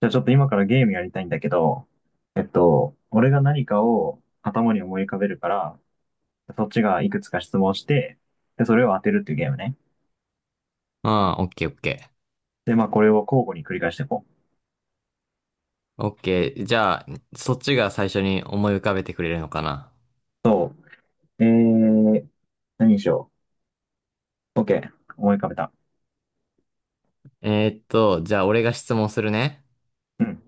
じゃあちょっと今からゲームやりたいんだけど、俺が何かを頭に思い浮かべるから、そっちがいくつか質問して、で、それを当てるっていうゲームね。ああ、オッケーオッケで、まあこれを交互に繰り返していこう。ー。オッケー。じゃあ、そっちが最初に思い浮かべてくれるのかな。そう。何にしよう。OK。思い浮かべた。じゃあ俺が質問するね。うん。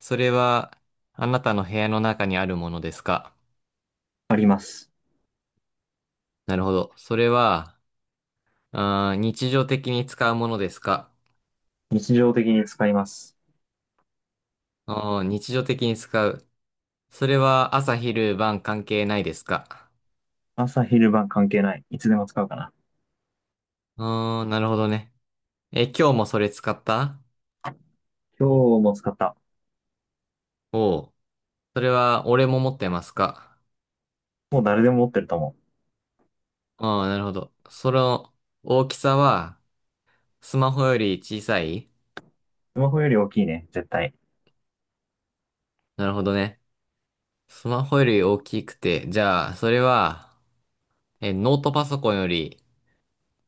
それは、あなたの部屋の中にあるものですか？あります。なるほど。それは、あー日常的に使うものですか？日常的に使います。あー日常的に使う。それは朝昼晩関係ないですか？朝昼晩関係ない。いつでも使うかな。あーなるほどね。え、今日もそれ使った？今日も使った。おう。それは俺も持ってますか？もう誰でも持ってると思う。ああー、なるほど。その大きさは、スマホより小さい？スマホより大きいね、絶対。なるほどね。スマホより大きくて、じゃあ、それは、え、ノートパソコンより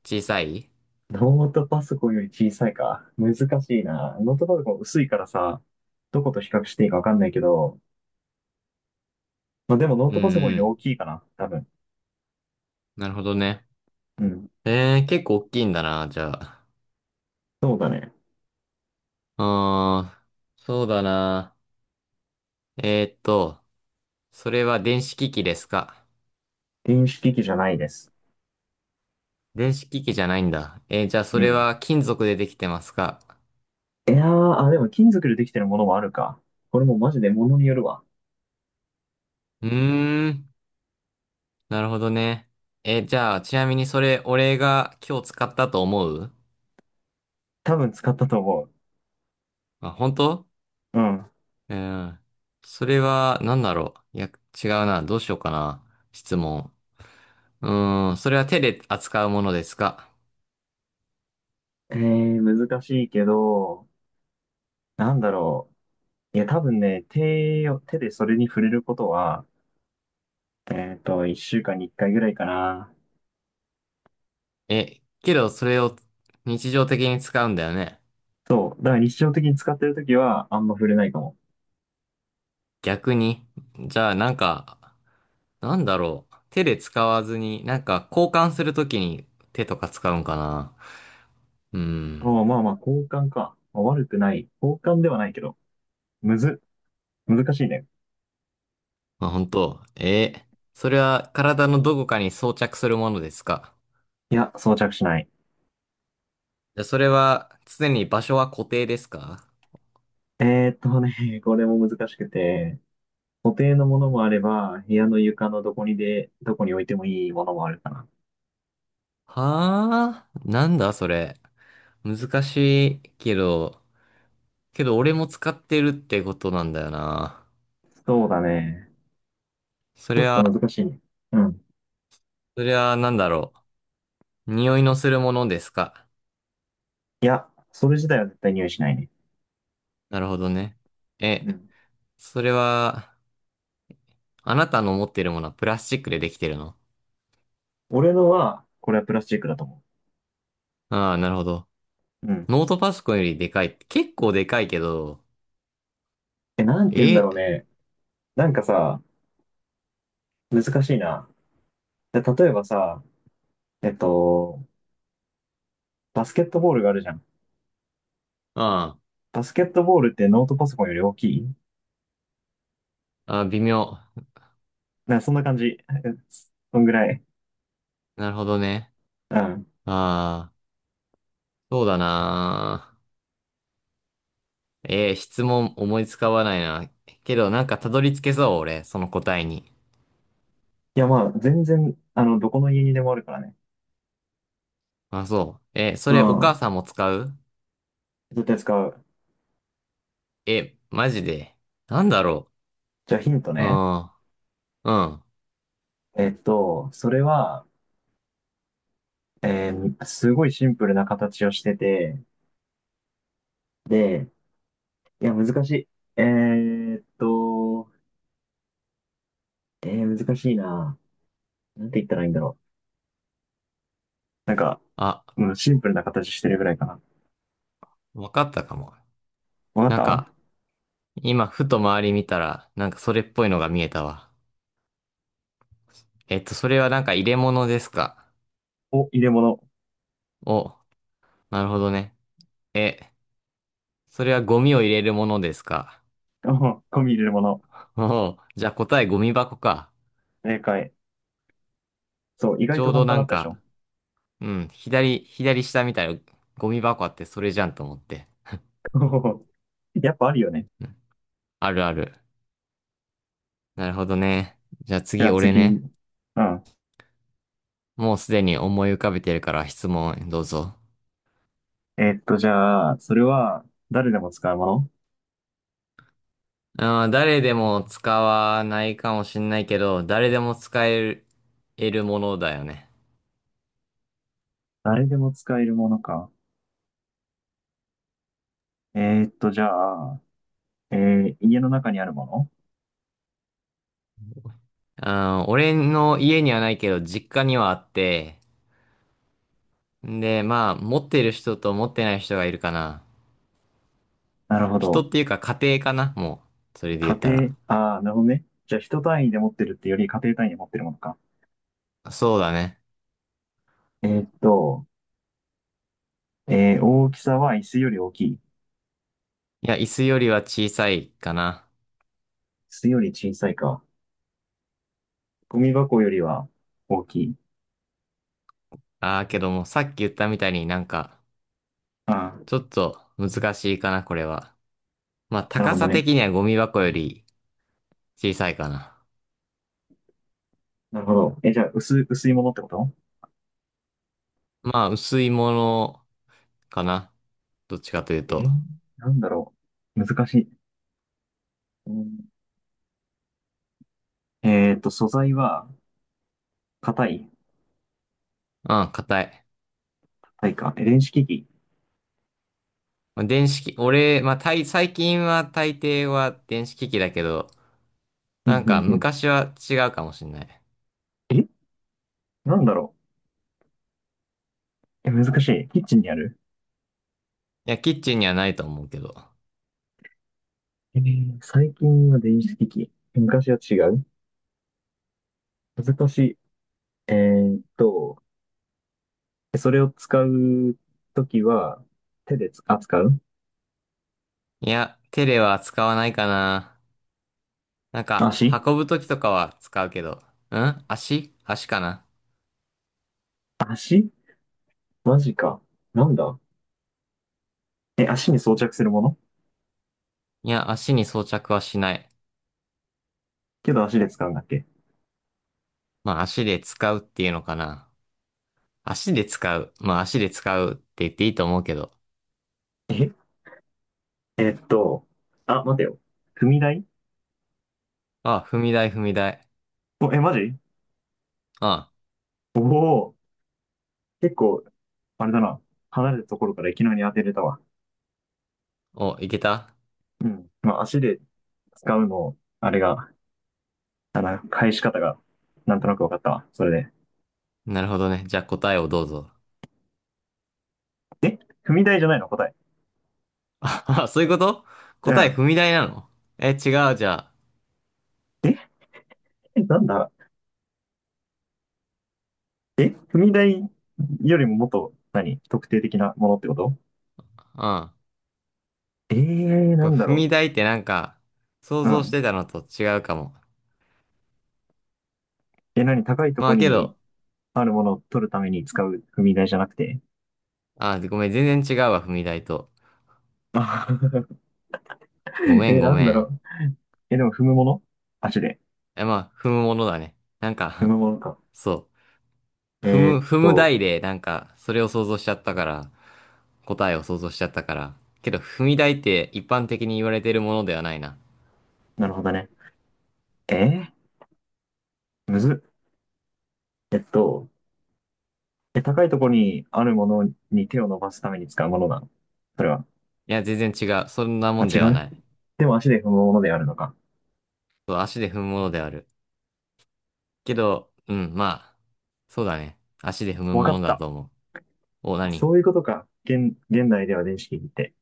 小さい？ノートパソコンより小さいか。難しいな。ノートパソコン薄いからさ、どこと比較していいかわかんないけど、まあでもノーうんトパソコンようり大ん。きいかな、多分。なるほどね。うん。えー、結構大きいんだな、じゃあ。そうだね。うーん、そうだな。えーっと、それは電子機器ですか？電子機器じゃないです。電子機器じゃないんだ。えーじゃあ、そうれん。は金属でできてますか？いやー、あ、でも金属でできてるものもあるか。これもマジで物によるわ。うーん、なるほどね。えーじゃあ、ちなみにそれ、俺が今日使ったと思う？多分使ったと思う。あ、本当？うん。うん。それは、なんだろう。いや、違うな。どうしようかな。質問。うーん。それは手で扱うものですか？えー、難しいけど、なんだろう。いや、多分ね、手でそれに触れることは、一週間に一回ぐらいかな。え、けど、それを日常的に使うんだよね。そう。だから日常的に使ってるときは、あんま触れないかも。逆に。じゃあ、なんか、なんだろう。手で使わずに、なんか、交換するときに手とか使うんかな。うーあん。あ、まあまあ、交換か。まあ悪くない。交換ではないけど。むず、難しいね。まあ、本当。え、それは体のどこかに装着するものですか？いや、装着しない。じゃあ、それは常に場所は固定ですか？ね、これも難しくて、固定のものもあれば、部屋の床のどこにで、どこに置いてもいいものもあるかな。はあ、なんだそれ。難しいけど、けど俺も使ってるってことなんだよな。そうだね。そちょれっとは難しいね。うん。それはなんだろう。匂いのするものですか。いや、それ自体は絶対匂いしないね。なるほどね。え、うん。それは、あなたの持ってるものはプラスチックでできてるの？俺のは、これはプラスチックだと思ああ、なるほど。う。うん。ノートパソコンよりでかい。結構でかいけど、え、なんて言うんだえ、ろうね。なんかさ、難しいな。で例えばさ、えっと、バスケットボールがあるじゃん。あバスケットボールってノートパソコンより大きいあ、ああ、微妙。なんかそんな感じ。えそんぐらい。なるほどね。うん。ああ、そうだな。ええ、質問思いつかわないな。けど、なんかたどり着けそう、俺、その答えに。いや、まあ、全然、あの、どこの家にでもあるからね。あ、そう。えー、そうれお母ん。さんも使う？絶対使う。え、マジで。なんだろじゃあヒントう。うね。ん、うん。えっと、それは、すごいシンプルな形をしてて、で、いや、難しい。えーっと、難しいな。なんて言ったらいいんだろう。なんか、あ、うん、シンプルな形してるぐらいかな。わかったかも。わかっなんたか、今、ふと周り見たら、なんかそれっぽいのが見えたわ。えっと、それはなんか入れ物ですか？お、入れ物。お、なるほどね。え、それはゴミを入れるものですか？ お、ゴミ入れるもの。おうじゃあ答えゴミ箱か。正解。そう、意ち外とょうど簡単なだっんたでしょ か、うん、左、左下みたいなゴミ箱あってそれじゃんと思って。やっぱあるよね。あるある。なるほどね。じゃあじゃ次あ俺次。ね。うん。もうすでに思い浮かべてるから質問どうぞ。じゃあ、それは誰でも使うものあー、誰でも使わないかもしんないけど、誰でも使える、得るものだよね。誰でも使えるものか。じゃあ、家の中にあるものあー、俺の家にはないけど、実家にはあって、んで、まあ、持ってる人と持ってない人がいるかな。なるほ人ど。っていうか家庭かな、もう。それで言家ったら。庭、ああ、なるほどね。じゃあ、人単位で持ってるってより家庭単位で持ってるものか。そうだね。えーっと、大きさは椅子より大きい。椅いや、椅子よりは小さいかな。子より小さいか。ゴミ箱よりは大きい。ああ、けども、さっき言ったみたいになんか、あちょあ、っと難しいかな、これは。まあ、なる高ほどさね。的にはゴミ箱より小さいかな。なるほど。え、じゃあ、薄いものってことまあ、薄いものかな。どっちかというえー、と。なんだろう。難しい。うんえっと、素材は、硬い、うん、硬い。硬いか。え電子機器。まあ、電子機、俺、まあ、大最近は大抵は電子機器だけど、うなんんうかんうん昔は違うかもしんない。いえなんだろう。え、難しい。キッチンにあるや、キッチンにはないと思うけど。最近は電子機器。昔は違う難しい。えーっと、それを使うときは、手でつ、扱ういや、テレは使わないかな。なんか、足運ぶときとかは使うけど。うん足足かな。足マジか。なんだえ、足に装着するものいや、足に装着はしない。けど足で使うんだっけまあ、足で使うっていうのかな。足で使う。まあ、足で使うって言っていいと思うけど。え、えーっと、あ、待てよ。踏み台あ、踏み台、踏み台。お、え、マジあ、おお、結構、あれだな。離れたところからいきなり当てれたわ。お、いけた？うん。まあ、足で使うの、あれが、あの、返し方が、なんとなく分かったわ。それなるほどね。じゃあ答えをどうぞ。で。え踏み台じゃないの答え。あ、あそういうこと？う答えん。踏み台なの？え、違う、じゃえなんだえ踏み台よりももっと、何特定的なものってことあ。うん。こなんれだ踏ろみ台ってなんか、想う。う像してん。たのと違うかも。え、何高いとまこあ、けにど、あるものを取るために使う踏み台じゃなくてあ、ごめん、全然違うわ、踏み台と。あ ご めえ、ん、ごなんだめろん。う。え、でも踏むもの足で。え、まあ、踏むものだね。なん踏か むものか。そう。踏えーむ、っ踏むと、台で、なんか、それを想像しちゃったから、答えを想像しちゃったから。けど、踏み台って一般的に言われてるものではないな。なるほどね。えー、むずっ。えっと、え、高いところにあるものに手を伸ばすために使うものなのそれは。いや、全然違う。そんなもあ、ん違ではうない。でも足で踏むものであるのか。そう、足で踏むものである。けど、うん、まあ、そうだね。足で踏むわかものっだた。と思う。お、何？そういうことか。現代では電子機器って。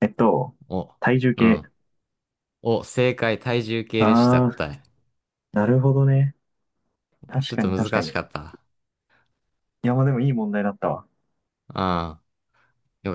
えっと、お、体重う計。ん。お、正解、体重計でした、あー、答え。なるほどね。ち確ょっかとに確難かしかに。った。いや、まあでもいい問題だったわ。うん、よかった。